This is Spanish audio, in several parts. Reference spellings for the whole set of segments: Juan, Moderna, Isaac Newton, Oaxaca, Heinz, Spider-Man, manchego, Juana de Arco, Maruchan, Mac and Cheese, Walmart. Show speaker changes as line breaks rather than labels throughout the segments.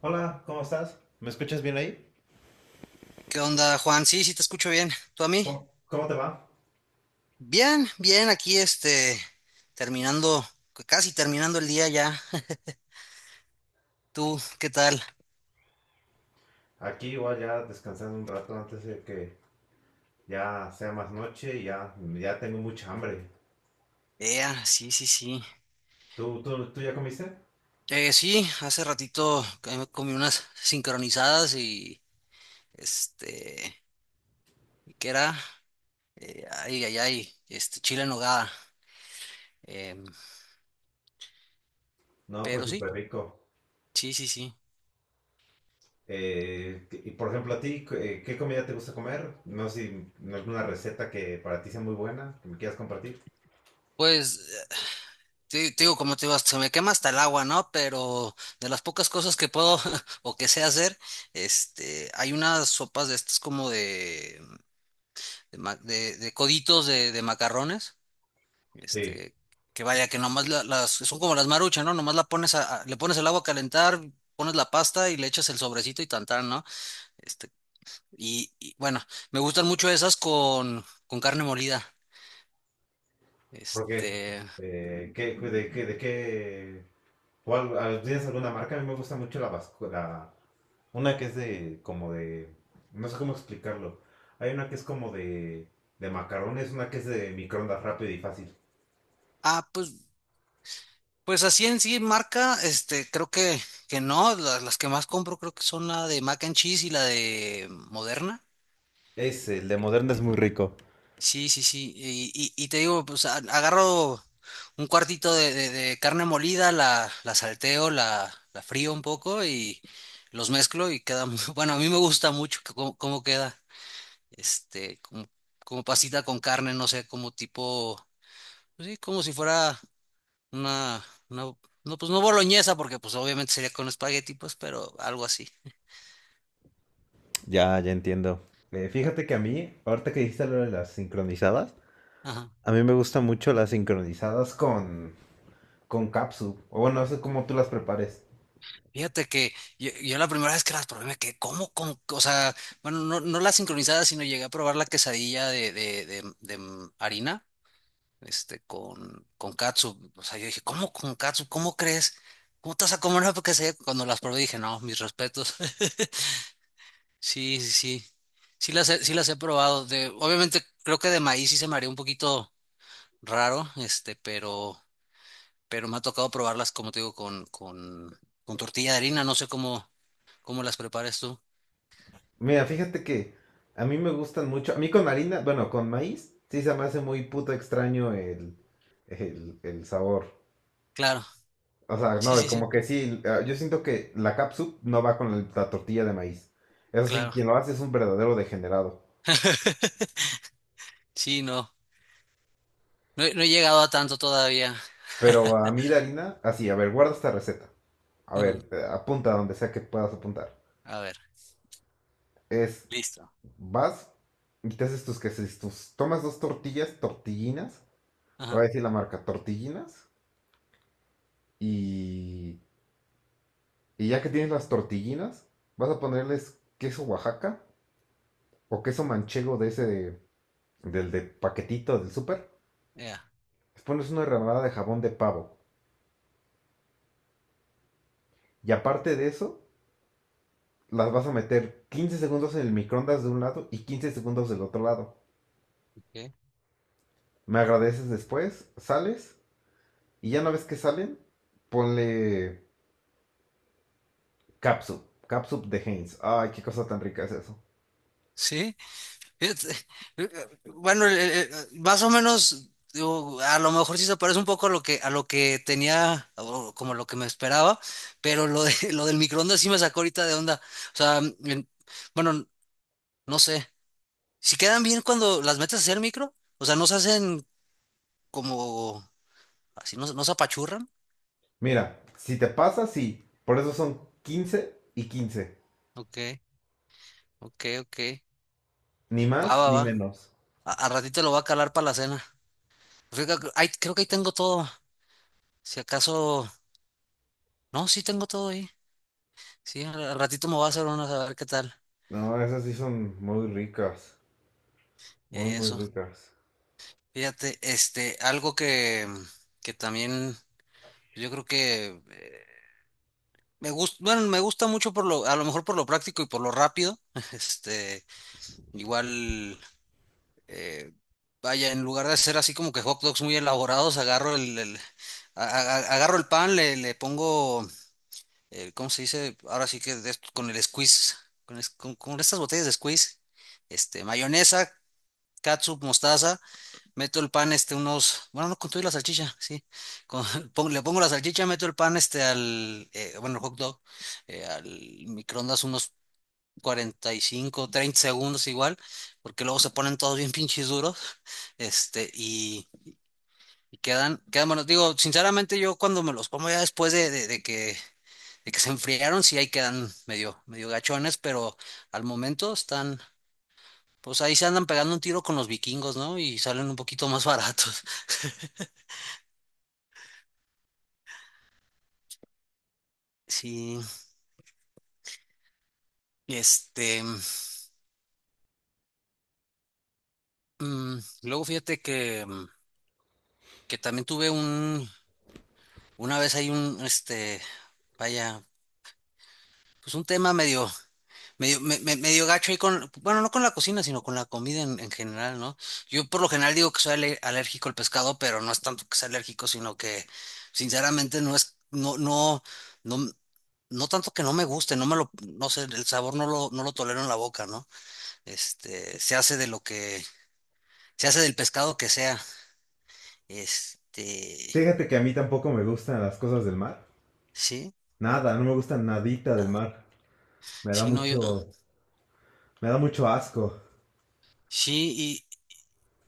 Hola, ¿cómo estás? ¿Me escuchas bien ahí?
¿Qué onda, Juan? Sí, sí, te escucho bien. ¿Tú a mí?
¿Cómo te va?
Bien, bien, aquí terminando, casi terminando el día ya. ¿Tú qué tal?
Aquí igual ya descansando un rato antes de que ya sea más noche y ya, ya tengo mucha hambre.
Ea, sí, sí, sí.
¿Tú ya comiste?
Sí, hace ratito que me comí unas sincronizadas y este, ¿qué era? Ay, ay, ay, chile en nogada. Em,
No, pues
pero sí,
súper rico.
sí, sí, sí.
Y por ejemplo, a ti, ¿qué comida te gusta comer? No sé si alguna receta que para ti sea muy buena, que me quieras compartir.
Pues Sí, te digo, como te digo, se me quema hasta el agua, ¿no? Pero de las pocas cosas que puedo o que sé hacer, hay unas sopas de estas como de coditos de macarrones,
Sí,
este, que vaya, que nomás las, son como las maruchas, ¿no? Nomás la pones le pones el agua a calentar, pones la pasta y le echas el sobrecito y tantán, ¿no? Este, y, bueno, me gustan mucho esas con carne molida,
¿por qué?
este...
¿Qué, de, qué, de qué? ¿Cuál, al-? ¿Tienes alguna marca? A mí me gusta mucho la, vasco-. Una que es de, como de, no sé cómo explicarlo. Hay una que es como de macarrones, una que es de microondas rápido y fácil.
Ah, pues Pues así en sí, marca, creo que no, las, que más compro creo que son la de Mac and Cheese y la de Moderna.
Es, el de Moderna es muy rico.
Sí, sí, sí. Y te digo, pues agarro un cuartito de carne molida, la salteo, la frío un poco y los mezclo y queda muy, bueno, a mí me gusta mucho que cómo queda, como, como pasita con carne, no sé, como tipo, pues sí, como si fuera. Una, una- no, pues no boloñesa, porque pues obviamente sería con espagueti, pues, pero algo así.
Ya, ya entiendo. Fíjate que a mí, ahorita que dijiste lo de las sincronizadas,
Ajá.
a mí me gustan mucho las sincronizadas con capsu. O bueno, no sé cómo tú las prepares.
Fíjate que yo la primera vez que las probé me quedé, ¿cómo, cómo? O sea, bueno, no la sincronizada, sino llegué a probar la quesadilla harina, con catsup. O sea, yo dije, ¿cómo con catsup? ¿Cómo crees? ¿Cómo te vas a comer una quesadilla? Cuando las probé dije, no, mis respetos. Sí, sí, sí. Sí las he probado. Obviamente creo que de maíz sí se me haría un poquito raro, pero me ha tocado probarlas, como te digo, con tortilla de harina, no sé cómo las prepares tú.
Mira, fíjate que a mí me gustan mucho. A mí con harina, bueno, con maíz, sí se me hace muy puto extraño el sabor.
Claro,
O sea,
sí,
no, y
sí,
como
sí,
que sí, yo siento que la capsup no va con el- la tortilla de maíz. Eso sí,
claro.
quien lo hace es un verdadero degenerado.
Sí, no, he no he llegado a tanto todavía.
Pero a mí de harina, así, a ver, guarda esta receta. A
Ujú.
ver, apunta donde sea que puedas apuntar.
A ver,
Es,
listo.
vas y te haces tus quesos, tus, tomas dos tortillas, tortillinas, te voy a
Ajá,
decir la marca, tortillinas, y, y ya que tienes las tortillinas, vas a ponerles queso Oaxaca o queso manchego de ese, de- del de paquetito del súper.
ya,
Pones una rebanada de jabón de pavo. Y aparte de eso, las vas a meter 15 segundos en el microondas de un lado y 15 segundos del otro lado.
ok.
Me agradeces después, sales y ya una vez que salen, ponle capsup, capsup de Heinz. Ay, qué cosa tan rica es eso.
Sí, fíjate, eh, bueno, el- más o menos, digo, a lo mejor sí se parece un poco a lo que tenía, o como lo que me esperaba, pero lo de, lo del microondas sí me sacó ahorita de onda. O sea, bueno, no sé. Si quedan bien cuando las metes hacia el micro, o sea, no se hacen como así, no se apachurran.
Mira, si te pasa, sí. Por eso son 15 y 15.
Ok, ok, ok.
Ni
Va,
más
va,
ni
va.
menos.
Al ratito lo voy a calar para la cena. Fíjate que creo que ahí tengo todo. Si acaso, no, sí tengo todo ahí. Sí, al ratito me voy a hacer unas a ver qué tal.
No, esas sí son muy ricas. Muy, muy
Eso.
ricas.
Fíjate, algo que también yo creo que me gusta mucho por lo, a lo mejor por lo práctico y por lo rápido. Este, igual. eh, Vaya, en lugar de hacer así como que hot dogs muy elaborados, agarro agarro el pan, le pongo, ¿cómo se dice? Ahora sí que con el squeeze, con estas botellas de squeeze, mayonesa, catsup, mostaza, meto el pan, unos, bueno, no con todo y la salchicha, sí, con- le pongo la salchicha, meto el pan, bueno, el hot dog, al microondas unos 45 30 segundos igual, porque luego se ponen todos bien pinches duros, este, y, y quedan, quedan buenos. Digo, sinceramente yo cuando me los como ya de que se enfriaron, sí ahí quedan medio, medio gachones, pero al momento están, pues ahí se andan pegando un tiro con los vikingos, ¿no? Y salen un poquito más baratos. Sí, este, luego fíjate que, que también una vez vaya, pues un tema medio. Medio gacho ahí con, bueno, no con la cocina, sino con la comida en general, ¿no? Yo por lo general digo que soy alérgico al pescado, pero no es tanto que sea alérgico, sino que sinceramente no, no tanto que no me guste, no sé, el sabor no lo, no lo tolero en la boca, ¿no? Este, se hace de lo que, se hace del pescado que sea. Este,
Fíjate que a mí tampoco me gustan las cosas del mar.
sí,
Nada, no me gusta nadita del mar. Me da
sí, no, yo,
mucho, me da mucho asco.
sí.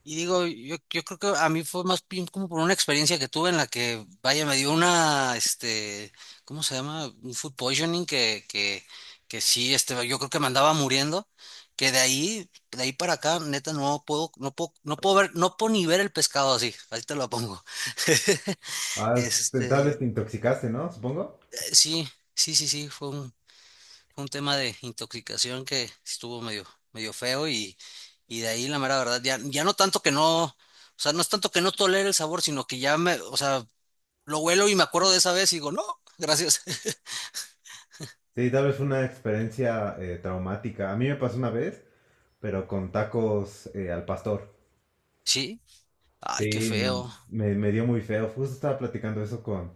Y digo, yo creo que a mí fue más bien como por una experiencia que tuve en la que, vaya, me dio una, ¿cómo se llama? Un food poisoning que sí, yo creo que me andaba muriendo, que de ahí para acá, neta, no puedo, no puedo, no puedo ver, no puedo ni ver el pescado así, ahí te lo pongo.
Ah, es- tal
Este, eh,
vez te intoxicaste, ¿no? Supongo.
sí, sí, sí, sí, fue un tema de intoxicación que estuvo medio, medio feo y de ahí la mera verdad, ya, ya no tanto que no, o sea, no es tanto que no tolere el sabor, sino que ya me, o sea, lo huelo y me acuerdo de esa vez y digo, no, gracias.
Sí, tal vez fue una experiencia traumática. A mí me pasó una vez, pero con tacos al pastor.
Sí, ay, qué
Sí,
feo.
me dio muy feo. Justo estaba platicando eso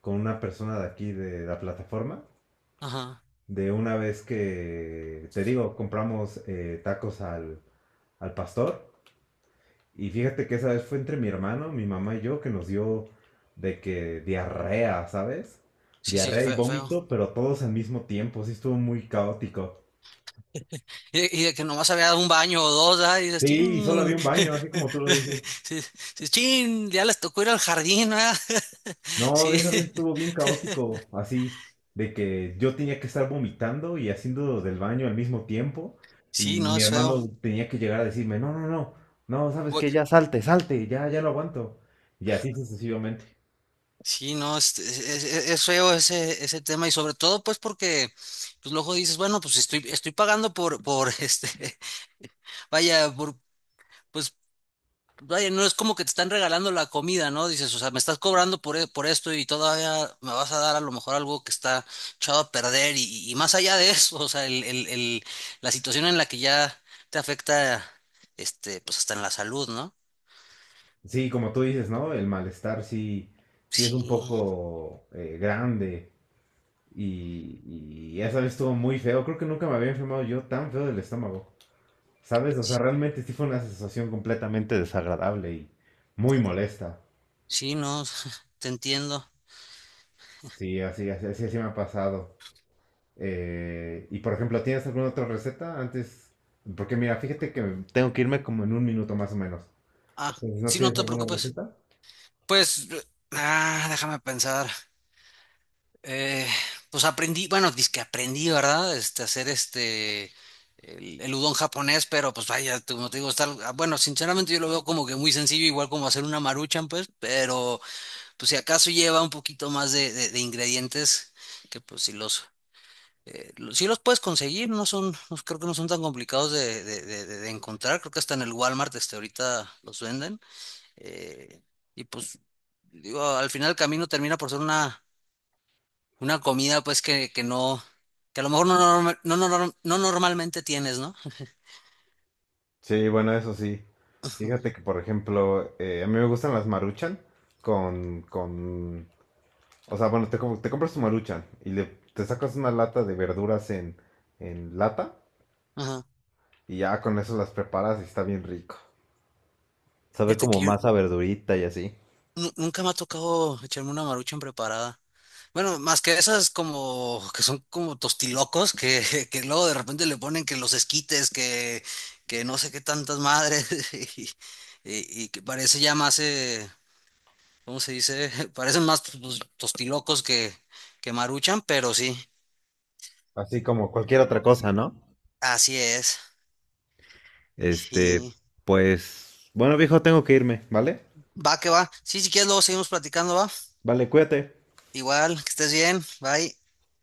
con una persona de aquí de la plataforma.
Ajá.
De una vez que, te digo, compramos tacos al, al pastor. Y fíjate que esa vez fue entre mi hermano, mi mamá y yo que nos dio de que diarrea, ¿sabes?
Sí, sí,
Diarrea y
feo, feo.
vómito, pero todos al mismo tiempo, sí estuvo muy caótico.
Y de que nomás había dado un baño o dos, ¿ah? Y dices,
Sí, y solo
chin,
había un baño, así como tú lo dices.
sí, sí, chin, ya les tocó ir al jardín, ¿ah?
No,
Sí,
de esa vez estuvo bien caótico, así de que yo tenía que estar vomitando y haciendo del baño al mismo tiempo y
sí, no,
mi
es feo.
hermano tenía que llegar a decirme, no, no, no, no, ¿sabes
Voy-
qué? Ya salte, salte, ya, ya lo aguanto. Y así sucesivamente.
Sí, no, es feo ese tema y sobre todo pues porque pues luego dices, bueno, pues estoy pagando por vaya, pues vaya, no es como que te están regalando la comida, ¿no? Dices, o sea, me estás cobrando por esto y todavía me vas a dar a lo mejor algo que está echado a perder y más allá de eso, o sea, la situación en la que ya te afecta, pues hasta en la salud, ¿no?
Sí, como tú dices, ¿no? El malestar sí, sí es
Sí,
un poco grande y, y esa vez estuvo muy feo. Creo que nunca me había enfermado yo tan feo del estómago, ¿sabes? O sea,
sí,
realmente sí fue una sensación completamente desagradable y muy molesta.
sí, no, te entiendo.
Sí, así, así, así, así me ha pasado. Y por ejemplo, ¿tienes alguna otra receta antes? Porque mira, fíjate que tengo que irme como en un minuto más o menos.
Ah,
Entonces, ¿no
sí, no
tienes
te
alguna
preocupes.
receta?
Pues, ah, déjame pensar. Eh, pues aprendí, bueno, que aprendí, ¿verdad? El udon japonés, pero pues vaya, como te digo, está, ah, bueno, sinceramente yo lo veo como que muy sencillo, igual como hacer una maruchan, pues, pero pues si acaso lleva un poquito más de ingredientes, que pues si los puedes conseguir, no son, no- creo que no son tan complicados de encontrar, creo que hasta en el Walmart, ahorita los venden. eh, y pues digo, al final el camino termina por ser una comida, pues, que no, que a lo mejor no normalmente tienes, ¿no?
Sí, bueno, eso sí.
Ujú.
Fíjate que, por ejemplo, a mí me gustan las Maruchan con, o sea, bueno, te, com- te compras tu Maruchan y le, te sacas una lata de verduras en lata
Ajá.
y ya con eso las preparas y está bien rico. Sabe
Fíjate que
como
yo
masa verdurita y así.
nunca me ha tocado echarme una maruchan preparada. Bueno, más que esas como que son como tostilocos que, que luego de repente le ponen que los esquites, que no sé qué tantas madres y, y que parece ya más, ¿cómo se dice? Parecen más pues, tostilocos que maruchan, pero sí,
Así como cualquier otra cosa, ¿no?
así es.
Este,
Sí,
pues, bueno, viejo, tengo que irme, ¿vale?
va que va. Sí, si quieres, luego seguimos platicando, va.
Vale, cuídate.
Igual, que estés bien. Bye.